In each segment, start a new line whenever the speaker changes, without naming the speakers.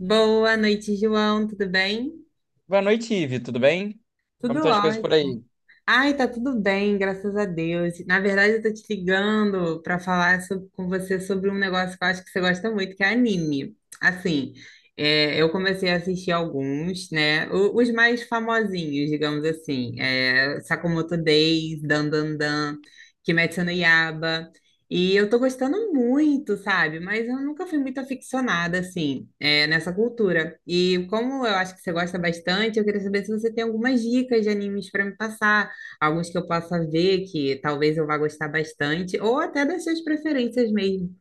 Boa noite, João. Tudo bem?
Boa noite, Ivi, tudo bem? Como
Tudo
estão as coisas por
ótimo.
aí?
Ai, tá tudo bem, graças a Deus. Na verdade, eu tô te ligando para falar com você sobre um negócio que eu acho que você gosta muito, que é anime. Assim, eu comecei a assistir alguns, né? Os mais famosinhos, digamos assim. Sakamoto Days, Dan Dan Dan, Kimetsu no Yaiba. E eu tô gostando muito, sabe? Mas eu nunca fui muito aficionada, assim, nessa cultura. E como eu acho que você gosta bastante, eu queria saber se você tem algumas dicas de animes para me passar alguns que eu possa ver que talvez eu vá gostar bastante, ou até das suas preferências mesmo.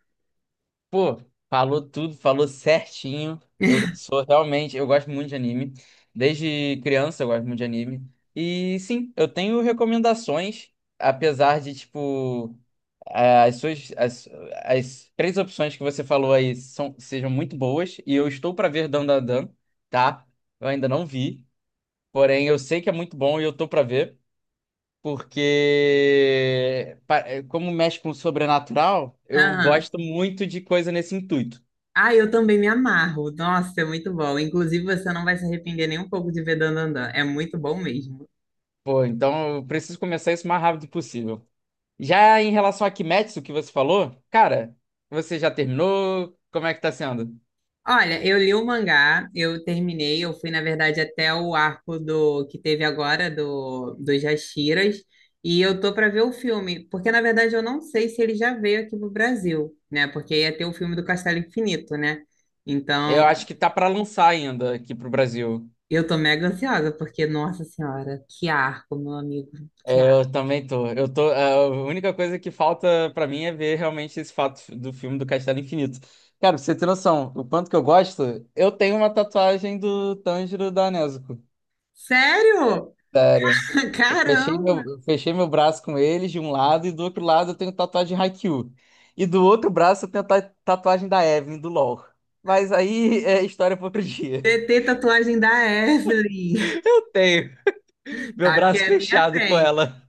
Pô, falou tudo, falou certinho. Eu gosto muito de anime. Desde criança eu gosto muito de anime. E sim, eu tenho recomendações, apesar de tipo, eh, as suas, as, as três opções que você falou aí são, sejam muito boas. E eu estou para ver Dandadan, tá? Eu ainda não vi, porém eu sei que é muito bom e eu tô para ver. Porque como mexe com o sobrenatural, eu
Aham.
gosto muito de coisa nesse intuito.
Ah, eu também me amarro. Nossa, é muito bom. Inclusive, você não vai se arrepender nem um pouco de ver Dandadan. É muito bom mesmo.
Pô, então eu preciso começar isso o mais rápido possível. Já em relação a Kimetsu, que você falou, cara, você já terminou? Como é que tá sendo?
Olha, eu li o mangá, eu terminei, eu fui, na verdade, até o arco do que teve agora do dos Jashiras, e eu tô para ver o filme, porque na verdade eu não sei se ele já veio aqui pro Brasil, né? Porque ia ter o filme do Castelo Infinito, né? Então,
Eu acho que tá pra lançar ainda aqui pro Brasil.
eu tô mega ansiosa, porque, nossa senhora, que arco, meu amigo, que
É,
arco.
eu também tô. Eu tô. A única coisa que falta pra mim é ver realmente esse fato do filme do Castelo Infinito. Cara, pra você ter noção, o quanto que eu gosto, eu tenho uma tatuagem do Tanjiro da Nezuko.
Sério?
Sério. Eu fechei meu,
Caramba!
eu fechei meu braço com eles de um lado e do outro lado eu tenho tatuagem de Haikyuu. E do outro braço eu tenho tatuagem da Evelyn, do LoL. Mas aí é história para outro dia.
TT tatuagem da Ashley,
Eu tenho meu
sabe que
braço
é minha
fechado com
mãe.
ela.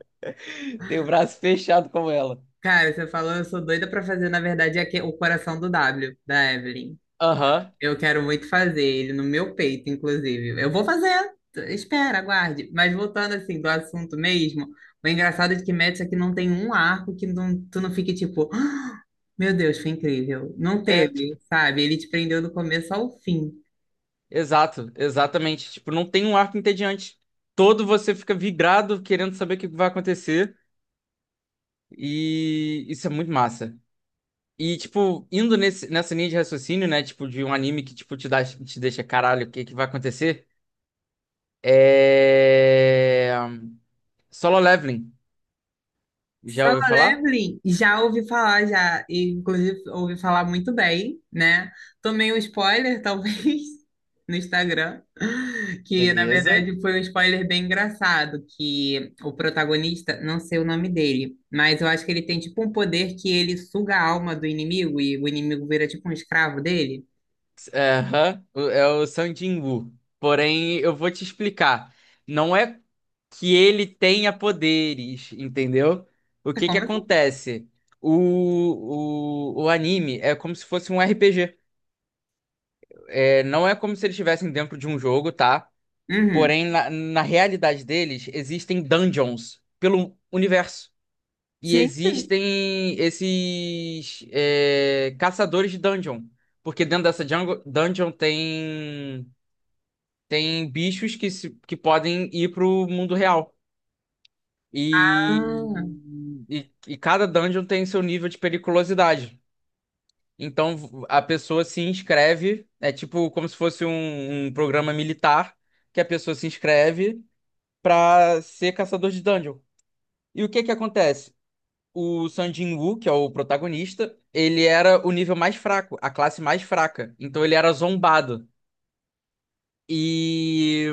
Tenho o braço fechado com ela.
Cara, você falou, eu sou doida pra fazer, na verdade, é o coração do W, da Evelyn.
Aham.
Eu quero muito fazer ele no meu peito, inclusive. Eu vou fazer, espera, aguarde. Mas voltando, assim, do assunto mesmo, o engraçado é que Metis aqui não tem um arco que tu não fique tipo... Meu Deus, foi incrível. Não
É,
teve,
tipo,
sabe? Ele te prendeu do começo ao fim.
Exato, exatamente. Tipo, não tem um arco entediante. Todo você fica vibrado querendo saber o que vai acontecer. E isso é muito massa. E, tipo, indo nessa linha de raciocínio, né? Tipo, de um anime que, tipo, te deixa, caralho, o que que vai acontecer? É... Solo Leveling. Já
Solo
ouviu falar?
Leveling, já ouvi falar, já, e, inclusive ouvi falar muito bem, né? Tomei um spoiler, talvez, no Instagram, que na
Beleza.
verdade foi um spoiler bem engraçado, que o protagonista, não sei o nome dele, mas eu acho que ele tem tipo um poder que ele suga a alma do inimigo e o inimigo vira tipo um escravo dele.
É, aham. É o Sung Jin-woo. Porém, eu vou te explicar. Não é que ele tenha poderes, entendeu? O que que
Como assim?
acontece? O anime é como se fosse um RPG. É, não é como se eles estivessem dentro de um jogo, tá?
Uhum.
Porém, na realidade deles, existem dungeons pelo universo. E
Gente,
existem esses caçadores de dungeon. Porque dentro dessa dungeon tem, tem bichos que, se- que podem ir pro mundo real. E,
ah,
e cada dungeon tem seu nível de periculosidade. Então a pessoa se inscreve, é tipo como se fosse um programa militar, que a pessoa se inscreve pra ser caçador de dungeon. E o que que acontece? O Sun Jin-woo, que é o protagonista, ele era o nível mais fraco, a classe mais fraca. Então ele era zombado. E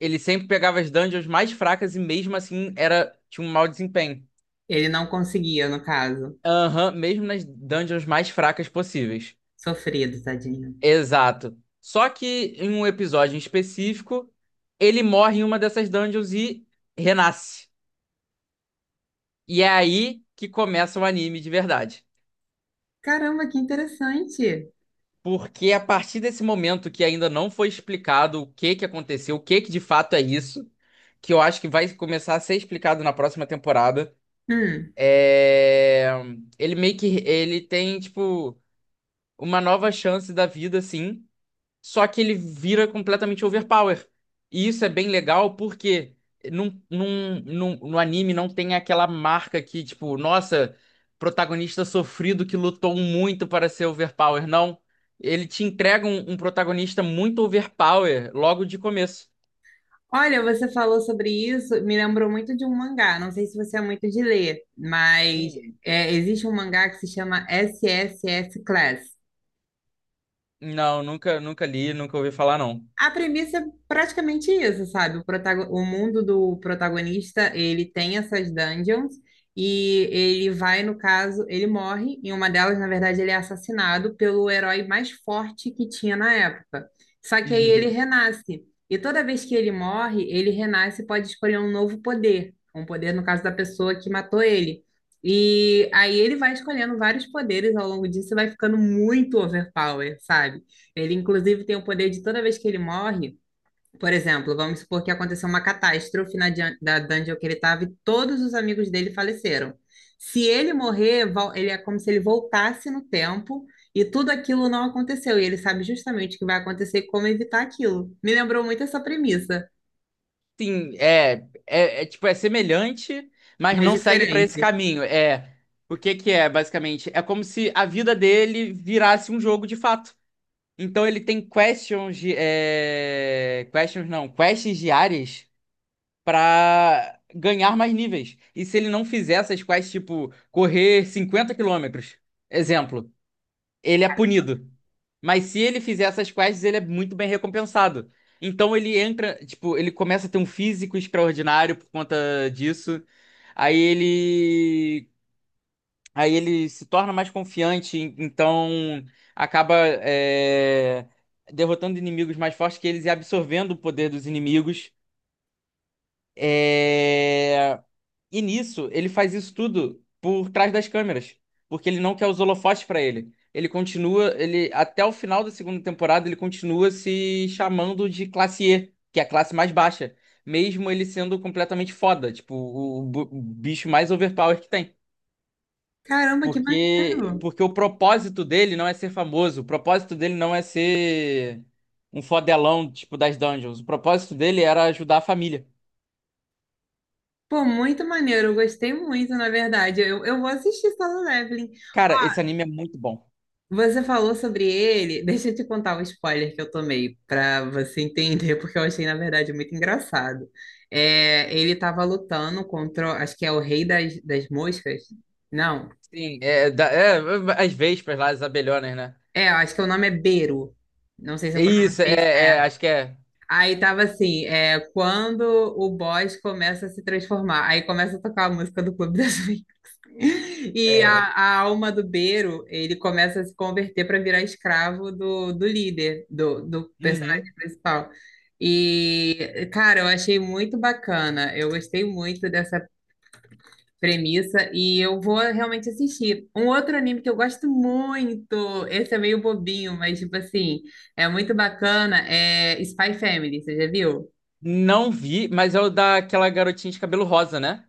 ele sempre pegava as dungeons mais fracas e mesmo assim era tinha um mau desempenho.
ele não conseguia, no caso.
Aham, mesmo nas dungeons mais fracas possíveis.
Sofrido, tadinho.
Exato. Só que em um episódio em específico, ele morre em uma dessas dungeons e renasce. E é aí que começa o anime de verdade.
Caramba, que interessante.
Porque a partir desse momento que ainda não foi explicado o que que aconteceu, o que que de fato é isso, que eu acho que vai começar a ser explicado na próxima temporada,
Hum.
é... ele meio que ele tem tipo uma nova chance da vida, assim, só que ele vira completamente overpower. E isso é bem legal porque no anime não tem aquela marca que, tipo, nossa, protagonista sofrido que lutou muito para ser overpower. Não. Ele te entrega um protagonista muito overpower logo de começo.
Olha, você falou sobre isso, me lembrou muito de um mangá. Não sei se você é muito de ler, mas
Hum.
é, existe um mangá que se chama SSS Class.
Não, nunca li, nunca ouvi falar, não.
A premissa é praticamente isso, sabe? O mundo do protagonista, ele tem essas dungeons e ele vai, no caso, ele morre. Em uma delas, na verdade, ele é assassinado pelo herói mais forte que tinha na época. Só que aí
Uhum.
ele, Uhum, renasce. E toda vez que ele morre, ele renasce e pode escolher um novo poder. Um poder, no caso, da pessoa que matou ele. E aí ele vai escolhendo vários poderes ao longo disso e vai ficando muito overpower, sabe? Ele, inclusive, tem o poder de toda vez que ele morre, por exemplo, vamos supor que aconteceu uma catástrofe na da dungeon que ele estava e todos os amigos dele faleceram. Se ele morrer, ele é como se ele voltasse no tempo e tudo aquilo não aconteceu. E ele sabe justamente o que vai acontecer e como evitar aquilo. Me lembrou muito essa premissa,
Sim, é semelhante, mas
mas
não segue para esse
diferente.
caminho. É, o que que é, basicamente? É como se a vida dele virasse um jogo de fato. Então ele tem questions, de- é, questions não, quests diárias para ganhar mais níveis. E se ele não fizer essas quests, tipo, correr 50 quilômetros, exemplo, ele é punido. Mas se ele fizer essas quests, ele é muito bem recompensado. Então ele entra, tipo, ele começa a ter um físico extraordinário por conta disso. Aí ele, Aí ele se torna mais confiante, então acaba é, derrotando inimigos mais fortes que eles e absorvendo o poder dos inimigos. É, e nisso, ele faz isso tudo por trás das câmeras, porque ele não quer os holofotes pra ele. Ele até o final da segunda temporada, ele continua se chamando de classe E, que é a classe mais baixa, mesmo ele sendo completamente foda, tipo, o bicho mais overpower que tem.
Caramba, que maneiro!
Porque o propósito dele não é ser famoso, o propósito dele não é ser um fodelão, tipo, das dungeons. O propósito dele era ajudar a família.
Pô, muito maneiro, eu gostei muito, na verdade. Eu vou assistir Solo Leveling.
Cara, esse anime é muito bom.
Você falou sobre ele. Deixa eu te contar um spoiler que eu tomei, para você entender, porque eu achei, na verdade, muito engraçado. É, ele estava lutando contra, acho que é o Rei das, das Moscas. Não,
Sim, as vespas lá, as abelhonas, né?
é, eu acho que o nome é Beru. Não sei se
É
eu
isso,
pronunciei
é,
certo.
acho que é,
Aí tava assim, é, quando o boss começa a se transformar, aí começa a tocar a música do Clube das Vinganças. E
é.
a alma do Beiro, ele começa a se converter para virar escravo do, do líder, do, do personagem
Uhum.
principal. E, cara, eu achei muito bacana. Eu gostei muito dessa premissa e eu vou realmente assistir. Um outro anime que eu gosto muito, esse é meio bobinho, mas, tipo assim, é muito bacana, é Spy Family, você já viu?
Não vi, mas é o daquela garotinha de cabelo rosa, né?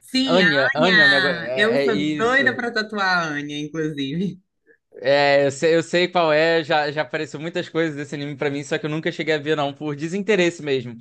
Sim, a
Anya,
Anya! Eu
é
sou doida
isso.
para tatuar a Anya, inclusive.
É, eu sei qual é, já apareceu muitas coisas desse anime pra mim, só que eu nunca cheguei a ver, não, por desinteresse mesmo.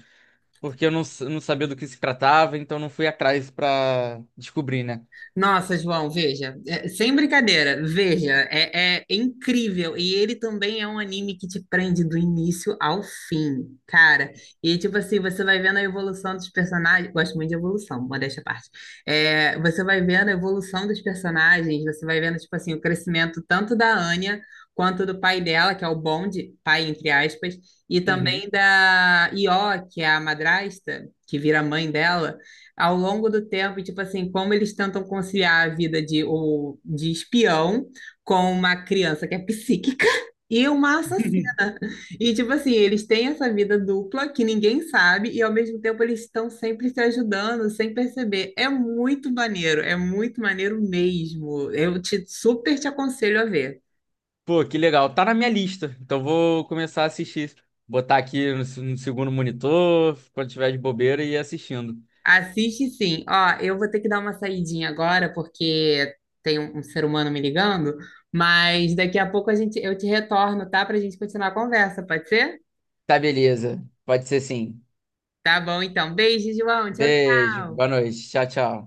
Porque eu não, s- não sabia do que se tratava, então não fui atrás pra descobrir, né?
Nossa, João, veja, é, sem brincadeira, veja, é, é incrível. E ele também é um anime que te prende do início ao fim, cara. E tipo assim, você vai vendo a evolução dos personagens. Gosto muito de evolução, modéstia à parte. É, você vai vendo a evolução dos personagens, você vai vendo, tipo assim, o crescimento tanto da Anya quanto do pai dela, que é o Bond, pai entre aspas, e também
Uhum.
da Io, que é a madrasta, que vira mãe dela ao longo do tempo, tipo assim, como eles tentam conciliar a vida de, o, de espião com uma criança que é psíquica e uma assassina. E, tipo assim, eles têm essa vida dupla que ninguém sabe e, ao mesmo tempo, eles estão sempre se ajudando sem perceber. É muito maneiro mesmo. Eu te super te aconselho a ver.
Pô, que legal. Tá na minha lista. Então vou começar a assistir. Botar aqui no, no segundo monitor, quando tiver de bobeira, e ir assistindo.
Assiste sim. Ó, eu vou ter que dar uma saidinha agora, porque tem um ser humano me ligando, mas daqui a pouco a gente, eu te retorno, tá? Pra gente continuar a conversa, pode ser?
Tá, beleza. Pode ser sim.
Tá bom, então. Beijo, João. Tchau,
Beijo,
tchau.
boa noite. Tchau, tchau.